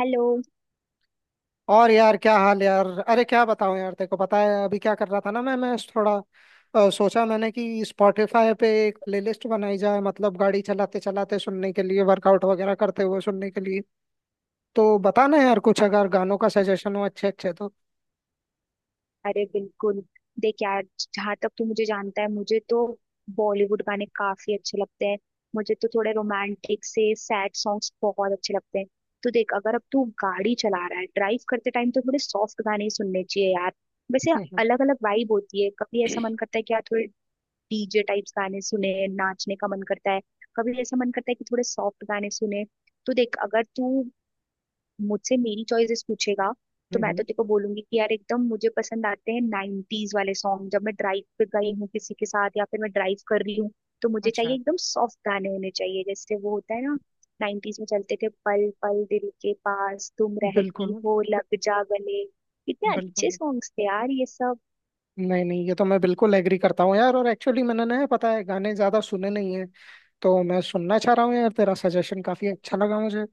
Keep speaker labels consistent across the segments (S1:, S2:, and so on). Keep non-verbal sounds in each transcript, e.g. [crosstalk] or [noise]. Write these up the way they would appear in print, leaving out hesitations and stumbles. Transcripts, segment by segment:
S1: Hello.
S2: और यार, क्या हाल यार। अरे क्या बताऊं यार, तेरे को पता है अभी क्या कर रहा था ना, मैं थोड़ा सोचा मैंने कि स्पॉटिफाई पे एक प्लेलिस्ट बनाई जाए, मतलब गाड़ी चलाते चलाते सुनने के लिए, वर्कआउट वगैरह करते हुए सुनने के लिए। तो बताना यार, कुछ अगर गानों का सजेशन हो अच्छे अच्छे तो।
S1: अरे बिल्कुल, देख यार, जहाँ तक तू मुझे जानता है, मुझे तो बॉलीवुड गाने काफी अच्छे लगते हैं। मुझे तो थोड़े रोमांटिक से सैड सॉन्ग्स बहुत अच्छे लगते हैं। तो देख, अगर अब तू गाड़ी चला रहा है, ड्राइव करते टाइम तो थोड़े सॉफ्ट गाने ही सुनने चाहिए यार। वैसे
S2: हम्म।
S1: अलग अलग वाइब होती है, कभी ऐसा मन करता है कि यार थोड़े डीजे टाइप्स गाने सुने, नाचने का मन करता है। कभी ऐसा मन करता है कि थोड़े सॉफ्ट गाने सुने। तो देख, अगर तू मुझसे मेरी चॉइसेस पूछेगा तो मैं तो
S2: हम्म,
S1: तेको बोलूंगी कि यार एकदम मुझे पसंद आते हैं 90s वाले सॉन्ग। जब मैं ड्राइव पे गई हूँ किसी के साथ या फिर मैं ड्राइव कर रही हूँ तो मुझे चाहिए
S2: अच्छा।
S1: एकदम सॉफ्ट गाने होने चाहिए, जैसे वो होता है ना 90s में चलते थे, पल पल दिल के पास, तुम रहती
S2: बिल्कुल।
S1: हो, लग जा गले। कितने अच्छे
S2: बिल्कुल।
S1: सॉन्ग्स थे यार ये सब।
S2: नहीं नहीं, ये तो मैं बिल्कुल एग्री करता हूँ यार, और एक्चुअली मैंने ना पता है गाने ज्यादा सुने नहीं है। तो मैं सुनना चाह रहा हूँ यार, तेरा सजेशन काफी अच्छा लगा मुझे।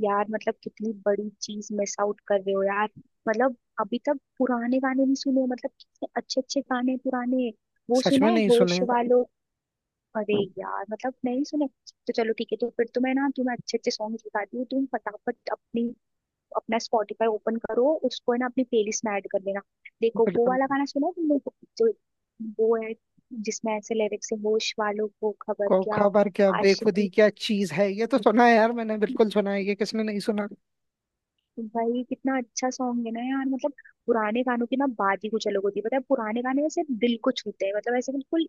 S1: यार मतलब कितनी बड़ी चीज मिस आउट कर रहे हो यार। मतलब अभी तक पुराने गाने नहीं सुने, मतलब कितने अच्छे अच्छे गाने पुराने। वो
S2: सच
S1: सुना
S2: में
S1: है,
S2: नहीं
S1: होश
S2: सुने।
S1: वालों? अरे यार, मतलब नहीं सुने? तो चलो ठीक है, तो फिर तो मैं ना तुम्हें अच्छे अच्छे सॉन्ग बताती हूँ, तुम फटाफट अपनी अपना स्पॉटिफाई ओपन करो उसको, है ना, अपनी प्लेलिस्ट में ऐड कर लेना। देखो, वो
S2: बिल्कुल।
S1: वाला गाना सुना है तुमने जो, वो है जिसमें ऐसे लिरिक्स है, होश वालों को खबर
S2: को
S1: क्या।
S2: खबर क्या, बेखुदी
S1: आशिकी।
S2: क्या चीज है, ये तो सुना है यार मैंने, बिल्कुल सुना है, ये किसने नहीं सुना।
S1: भाई, कितना अच्छा सॉन्ग है ना यार। मतलब पुराने गानों की ना बात ही कुछ अलग होती है। पता है, पुराने गाने ऐसे दिल को छूते हैं, मतलब ऐसे बिल्कुल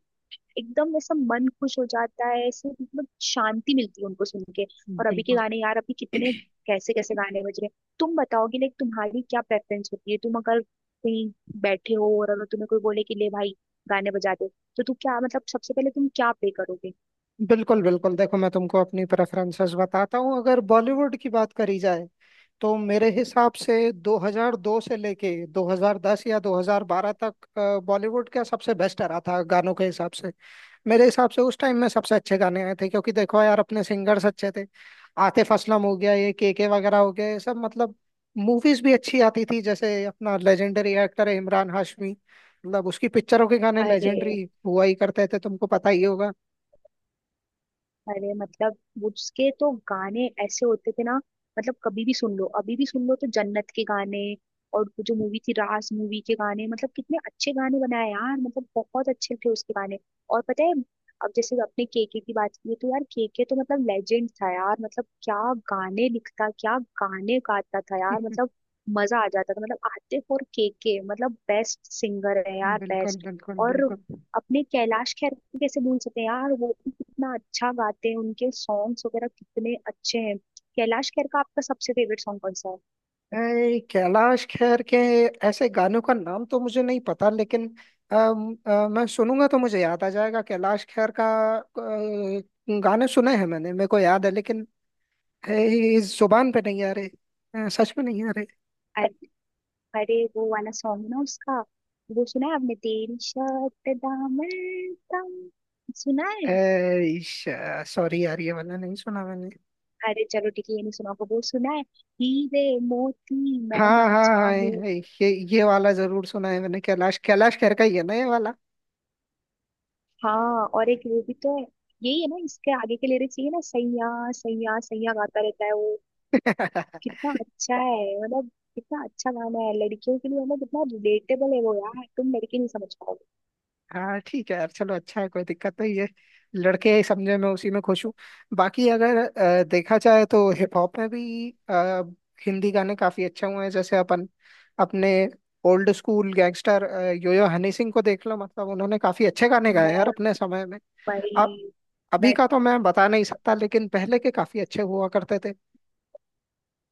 S1: एकदम ऐसा मन खुश हो जाता है ऐसे, मतलब शांति मिलती है उनको सुन के। और अभी के
S2: बिल्कुल
S1: गाने यार, अभी कितने कैसे कैसे गाने बज रहे हैं। तुम बताओगे, लाइक तुम्हारी क्या प्रेफरेंस होती है। तुम अगर कहीं बैठे हो और अगर तुम्हें कोई बोले कि ले भाई, गाने बजा दे, तो तू क्या, मतलब सबसे पहले तुम क्या प्ले करोगे?
S2: बिल्कुल बिल्कुल, देखो मैं तुमको अपनी प्रेफरेंसेस बताता हूँ। अगर बॉलीवुड की बात करी जाए तो मेरे हिसाब से 2002 से लेके 2010 या 2012 तक बॉलीवुड का सबसे बेस्ट आ रहा था गानों के हिसाब से। मेरे हिसाब से उस टाइम में सबसे अच्छे गाने आए थे, क्योंकि देखो यार अपने सिंगर्स अच्छे थे। आतिफ असलम हो गया, ये के वगैरह हो गया, ये सब मतलब मूवीज भी अच्छी आती थी। जैसे अपना लेजेंडरी एक्टर है इमरान हाशमी, मतलब उसकी पिक्चरों के गाने
S1: अरे,
S2: लेजेंडरी हुआ ही करते थे, तुमको पता ही होगा।
S1: अरे मतलब उसके तो गाने ऐसे होते थे ना, मतलब कभी भी सुन लो, अभी भी सुन लो, तो जन्नत के गाने। और वो जो मूवी थी, रास मूवी के गाने, मतलब कितने अच्छे गाने बनाए यार, मतलब बहुत अच्छे थे उसके गाने। और पता है, अब जैसे अपने केके की बात की तो यार केके तो मतलब लेजेंड था यार। मतलब क्या गाने लिखता, क्या गाने गाता था यार, मतलब मजा आ जाता था। मतलब आतिफ और केके मतलब बेस्ट सिंगर है यार,
S2: बिल्कुल
S1: बेस्ट।
S2: बिल्कुल
S1: और
S2: बिल्कुल।
S1: अपने कैलाश खेर को कैसे भूल सकते हैं यार, वो भी कितना अच्छा गाते हैं, उनके सॉन्ग्स वगैरह कितने अच्छे हैं। कैलाश खेर का आपका सबसे फेवरेट सॉन्ग कौन सा है?
S2: कैलाश खेर के ऐसे गानों का नाम तो मुझे नहीं पता, लेकिन मैं सुनूंगा तो मुझे याद आ जाएगा कैलाश खेर का। अ, गाने सुने हैं मैंने, मेरे को याद है, लेकिन इस जुबान पे नहीं आ रहे। सच में नहीं आ रहे।
S1: अरे, अरे, वो वाला सॉन्ग है ना उसका, वो सुना है आपने, तेरी शर्ट दामन तम? सुना है?
S2: सॉरी यार, ये वाला नहीं सुना मैंने।
S1: अरे चलो ठीक है, ये नहीं सुना होगा, वो सुना है, हीरे मोती मैं
S2: हाँ हाँ
S1: नाचा
S2: हाँ,
S1: हूँ?
S2: ये ये वाला जरूर सुना है मैंने, कैलाश कैलाश खेर का ही है ना ये वाला।
S1: हाँ और एक वो भी तो है, यही है ना इसके आगे के लिरिक्स, ये है ना, सैया सैया सैया गाता रहता है वो।
S2: [laughs]
S1: कितना अच्छा है, मतलब कितना अच्छा गाना है लड़कियों के लिए, मतलब कितना रिलेटेबल है वो यार, तुम लड़के नहीं समझ पाओगे।
S2: हाँ ठीक है यार, चलो अच्छा है, कोई दिक्कत नहीं है। लड़के हैं, समझे, मैं उसी में खुश हूँ। बाकी अगर देखा जाए तो हिप हॉप में भी हिंदी गाने काफी अच्छे हुए हैं। जैसे अपने old school gangster Yo Yo Honey Singh को देख लो, मतलब उन्होंने काफी अच्छे गाने गाए
S1: मैं
S2: यार अपने समय में।
S1: भाई
S2: अब अभी
S1: मैं
S2: का तो मैं बता नहीं सकता लेकिन पहले के काफी अच्छे हुआ करते थे।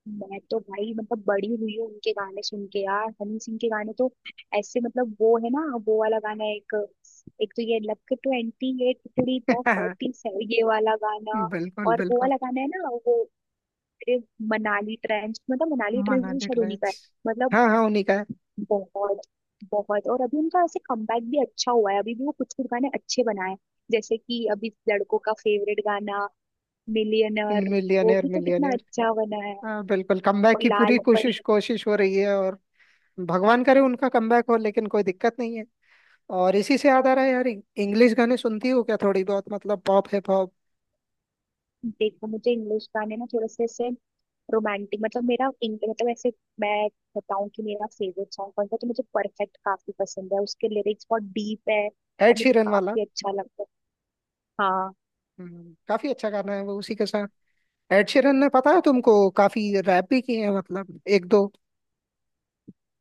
S1: मैं तो भाई, मतलब बड़ी हुई हूँ उनके गाने सुन के यार। हनी सिंह के गाने तो ऐसे, मतलब वो है ना, वो वाला गाना, एक एक तो ये लक ट्वेंटी एट थोड़ी द
S2: [laughs]
S1: फोर्टी सेवन, ये वाला गाना।
S2: बिल्कुल
S1: और वो
S2: बिल्कुल।
S1: वाला गाना है ना, वो तेरे मनाली ट्रेंच, मतलब मनाली ट्रेंच भी
S2: मनाली
S1: शायद उन्हीं का
S2: ट्रेंड्स।
S1: है। मतलब
S2: हाँ हाँ, उन्हीं का है।
S1: बहुत बहुत। और अभी उनका ऐसे कमबैक भी अच्छा हुआ है, अभी भी वो कुछ कुछ गाने अच्छे बनाए हैं। जैसे कि अभी लड़कों का फेवरेट गाना मिलियनर, वो
S2: मिलियनेयर
S1: भी तो कितना
S2: मिलियनेयर।
S1: अच्छा बना है।
S2: हाँ बिल्कुल, कमबैक
S1: और
S2: की
S1: लाल
S2: पूरी कोशिश
S1: परी।
S2: कोशिश हो रही है। और भगवान करे उनका कमबैक हो, लेकिन कोई दिक्कत नहीं है। और इसी से याद आ रहा है यार, इंग्लिश गाने सुनती हो क्या, थोड़ी बहुत, मतलब पॉप हिप हॉप।
S1: देखो, मुझे इंग्लिश गाने ना थोड़े से ऐसे रोमांटिक, मतलब मेरा मतलब ऐसे, मैं बताऊं कि मेरा फेवरेट सॉन्ग कौन सा है, तो मुझे परफेक्ट काफी पसंद है, उसके लिरिक्स बहुत डीप है
S2: एड
S1: और मुझे
S2: शीरन वाला।
S1: काफी अच्छा लगता है। हाँ।
S2: काफी अच्छा गाना है वो। उसी के साथ एड शीरन ने, पता है तुमको, काफी रैप भी किए हैं, मतलब एक दो।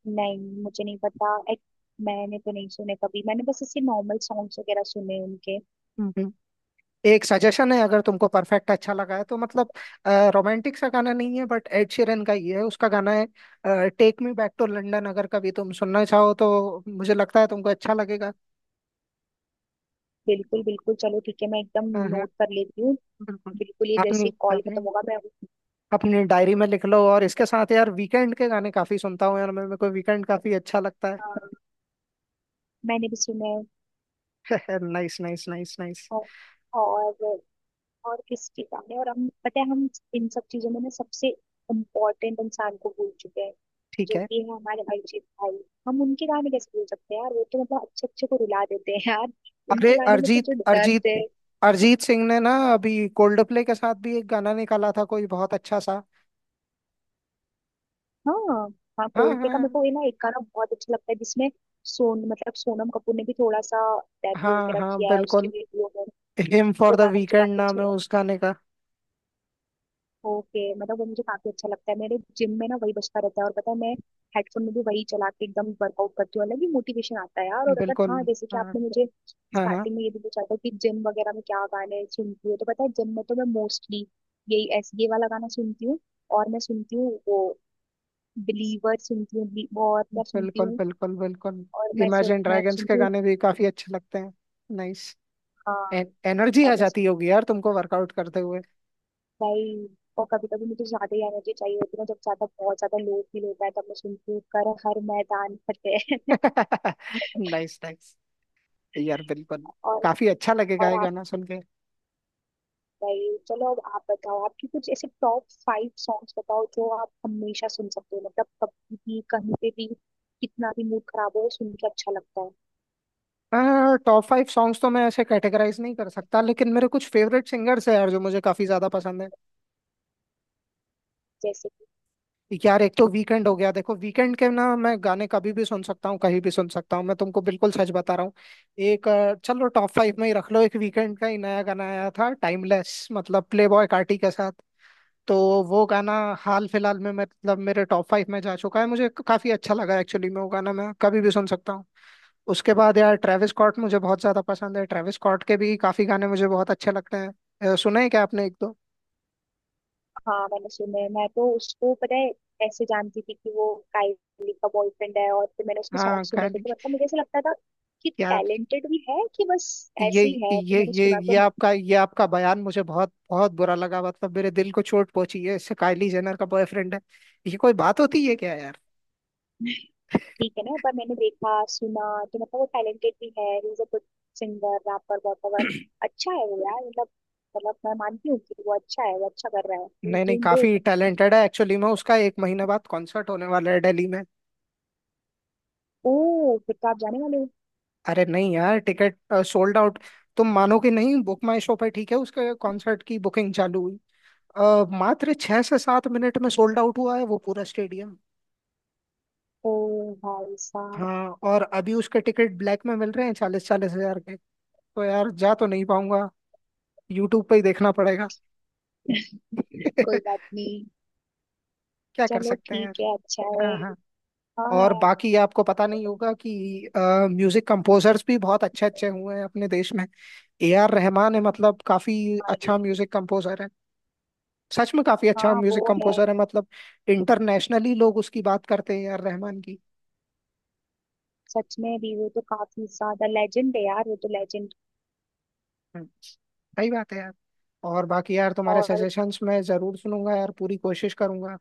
S1: नहीं मुझे नहीं पता. मैंने तो नहीं सुने कभी, मैंने बस इसके नॉर्मल सॉन्ग्स वगैरह सुने हैं उनके।
S2: हम्म, एक सजेशन है, अगर तुमको परफेक्ट अच्छा लगा है तो मतलब रोमांटिक सा गाना नहीं है, बट एड शीरन का ही है, उसका गाना है take me back to London, अगर कभी तुम सुनना चाहो तो मुझे लगता है तुमको अच्छा लगेगा।
S1: बिल्कुल बिल्कुल, चलो ठीक है, मैं एकदम नोट कर लेती हूँ।
S2: बिल्कुल।
S1: बिल्कुल, ये जैसे
S2: आपने
S1: कॉल खत्म
S2: आपने
S1: होगा मैं...
S2: अपनी डायरी में लिख लो। और इसके साथ यार वीकेंड के गाने काफी सुनता हूँ यार, मेरे मेरे को वीकेंड काफी अच्छा लगता
S1: अ, मैंने भी सुने हैं।
S2: है। [laughs] Nice nice nice nice.
S1: औ- और और किसके गाने, और हम पता है, हम इन सब चीजों में ना सबसे इम्पोर्टेंट इंसान को भूल चुके हैं,
S2: ठीक
S1: जो
S2: है।
S1: कि है हमारे अरिजीत भाई। हम उनके गाने कैसे भूल सकते हैं यार, वो तो मतलब अच्छे अच्छे को रुला देते हैं यार,
S2: अरे
S1: उनके गानों में तो
S2: अरिजीत
S1: जो दर्द
S2: अरिजीत।
S1: है।
S2: अरिजीत सिंह ने ना अभी कोल्ड प्ले के साथ भी एक गाना निकाला था कोई, बहुत अच्छा सा।
S1: हाँ। हाँ,
S2: हाँ
S1: कोल्टे का मेरे
S2: हाँ।
S1: को ये ना एक गाना बहुत अच्छा लगता है, जिसमें सोन मतलब सोनम कपूर ने भी थोड़ा सा डेब्यू
S2: हाँ,
S1: वगैरह
S2: हाँ
S1: किया है उसकी
S2: बिल्कुल।
S1: वीडियो में।
S2: हिम
S1: वो
S2: फॉर द
S1: गाना मुझे
S2: वीकेंड
S1: काफी
S2: नाम
S1: अच्छा
S2: है
S1: है।
S2: उस गाने का।
S1: ओके, मतलब वो मुझे काफी अच्छा लगता है, मेरे जिम में ना वही बजता रहता है। और पता है, मैं हेडफोन में भी वही चला के एकदम वर्कआउट करती हूँ, अलग ही मोटिवेशन आता है यार। और अगर,
S2: बिल्कुल।
S1: हाँ जैसे कि
S2: हाँ
S1: आपने मुझे
S2: हाँ हाँ।
S1: स्टार्टिंग में ये भी पूछा था कि जिम वगैरह में क्या गाने सुनती हूँ, तो पता है जिम में तो मैं मोस्टली यही ऐसे ये वाला गाना सुनती हूँ और मैं सुनती हूँ वो बिलीवर सुनती हूँ, और क्या सुनती
S2: बिल्कुल
S1: हूँ,
S2: बिल्कुल बिल्कुल।
S1: और मैं सो,
S2: इमेजिन
S1: मैं
S2: ड्रैगन्स के
S1: सुनती हूँ।
S2: गाने भी काफी अच्छे लगते हैं। नाइस।
S1: हाँ।
S2: एनर्जी
S1: और
S2: आ
S1: मैं,
S2: जाती होगी यार तुमको वर्कआउट करते हुए।
S1: भाई, और कभी कभी मुझे ज्यादा ही एनर्जी चाहिए होती है ना, जब ज्यादा बहुत ज्यादा लो फील होता है, तब मैं सुनती हूँ कर हर मैदान फतेह। [laughs]
S2: [laughs] Nice nice. यार बिल्कुल,
S1: और
S2: काफी अच्छा लगेगा ये
S1: और आप,
S2: गाना सुन के।
S1: भाई चलो, अब आप बताओ आपकी कुछ ऐसे टॉप फाइव सॉन्ग्स बताओ जो आप हमेशा सुन सकते हो, मतलब कभी भी कहीं पे भी, कितना भी मूड खराब हो सुन के अच्छा लगता है।
S2: टॉप फाइव सॉन्ग्स तो मैं ऐसे कैटेगराइज नहीं कर सकता, लेकिन मेरे कुछ फेवरेट सिंगर्स हैं यार जो मुझे काफी ज्यादा पसंद है।
S1: जैसे?
S2: यार एक तो वीकेंड हो गया, देखो वीकेंड के ना मैं गाने कभी भी सुन सकता हूँ, कहीं भी सुन सकता हूँ, मैं तुमको बिल्कुल सच बता रहा हूँ। एक चलो टॉप फाइव में ही रख लो, एक वीकेंड का ही नया गाना आया था टाइमलेस, मतलब प्ले बॉय कार्टी के साथ। तो वो गाना हाल फिलहाल में मतलब मेरे टॉप फाइव में जा चुका है, मुझे काफी अच्छा लगा एक्चुअली में, वो गाना मैं कभी भी सुन सकता हूँ। उसके बाद यार ट्रेविस स्कॉट मुझे बहुत ज्यादा पसंद है, ट्रेविस स्कॉट के भी काफी गाने मुझे बहुत अच्छे लगते हैं। सुने हैं क्या आपने, एक दो।
S1: हाँ मैंने सुना है। मैं तो उसको पता है ऐसे जानती थी कि वो काइली का बॉयफ्रेंड है, और फिर मैंने उसके सॉन्ग
S2: हाँ
S1: सुने थे,
S2: खाली।
S1: तो मतलब मुझे ऐसा लगता था कि
S2: यार
S1: टैलेंटेड भी है कि बस
S2: ये
S1: ऐसे ही है, तो मैंने सुना तो।
S2: ये आपका बयान मुझे बहुत बहुत बुरा लगा, मतलब मेरे दिल को चोट पहुंची है इससे, काइली जेनर का बॉयफ्रेंड है, ये कोई बात होती है क्या यार।
S1: ठीक है ना, पर मैंने देखा, सुना, तो मतलब वो टैलेंटेड भी है, ही is a good singer rapper वॉपर।
S2: [clears throat]
S1: अच्छा है वो यार, मतलब मतलब मैं मानती हूँ कि वो अच्छा है, वो अच्छा कर रहा है, ही इज
S2: नहीं नहीं,
S1: डूइंग
S2: काफी
S1: गुड।
S2: टैलेंटेड है एक्चुअली में, उसका एक महीने बाद कॉन्सर्ट होने वाला है दिल्ली में।
S1: ओ फिर तो आप जाने वाले हो?
S2: अरे नहीं यार, टिकट सोल्ड आउट। तुम मानोगे नहीं, बुक माई शो पर ठीक है उसके कॉन्सर्ट की बुकिंग चालू हुई, मात्र 6 से 7 मिनट में सोल्ड आउट हुआ है वो पूरा स्टेडियम।
S1: ओ भाई साहब।
S2: हाँ, और अभी उसके टिकट ब्लैक में मिल रहे हैं 40-40 हजार के। तो यार जा तो नहीं पाऊंगा, यूट्यूब पे ही देखना पड़ेगा। [laughs]
S1: कोई बात नहीं।
S2: क्या कर
S1: चलो
S2: सकते हैं यार।
S1: ठीक है, अच्छा है।
S2: हाँ हाँ। और
S1: हाँ।
S2: बाकी आपको पता नहीं होगा कि म्यूजिक कंपोजर्स भी बहुत अच्छे अच्छे हुए हैं अपने देश में। ए आर रहमान है, मतलब काफी अच्छा
S1: यार,
S2: म्यूजिक कंपोजर, सच में काफी अच्छा
S1: हाँ वो
S2: म्यूजिक
S1: है।
S2: कंपोजर है, मतलब इंटरनेशनली लोग उसकी बात करते हैं यार, रहमान की।
S1: सच में भी, वो तो काफी ज्यादा लेजेंड है यार, वो तो लेजेंड।
S2: सही बात है यार। और बाकी यार तुम्हारे
S1: और
S2: सजेशंस मैं जरूर सुनूंगा यार, पूरी कोशिश करूंगा।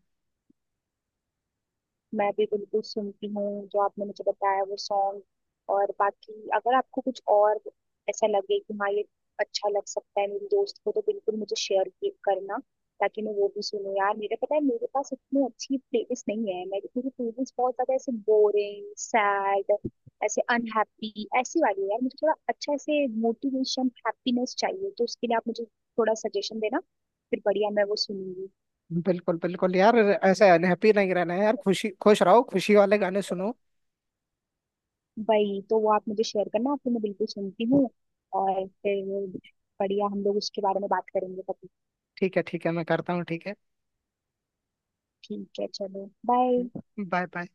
S1: मैं भी बिल्कुल सुनती हूँ जो आपने मुझे बताया वो सॉन्ग। और बाकी अगर आपको कुछ और ऐसा लगे कि हाँ ये अच्छा लग सकता है मेरी दोस्त को, तो बिल्कुल मुझे शेयर करना, ताकि मैं वो भी सुनूँ यार। मेरे, पता है, मेरे पास इतनी अच्छी प्लेलिस्ट नहीं है, मेरी मेरी प्लेलिस्ट बहुत ज्यादा ऐसे बोरिंग सैड ऐसे अनहैप्पी ऐसी वाली है यार। मुझे थोड़ा अच्छा ऐसे मोटिवेशन, हैप्पीनेस चाहिए, तो उसके लिए आप मुझे थोड़ा सजेशन देना, फिर बढ़िया मैं वो सुनूंगी।
S2: बिल्कुल बिल्कुल यार, ऐसे अनहैप्पी नहीं रहना है यार, खुशी खुश रहो, खुशी वाले गाने सुनो।
S1: वही तो, वो आप मुझे शेयर करना, आपको मैं बिल्कुल सुनती हूँ। और फिर बढ़िया हम लोग उसके बारे में बात करेंगे कभी।
S2: ठीक है ठीक है, मैं करता हूँ, ठीक है।
S1: ठीक है, चलो, बाय।
S2: Bye bye.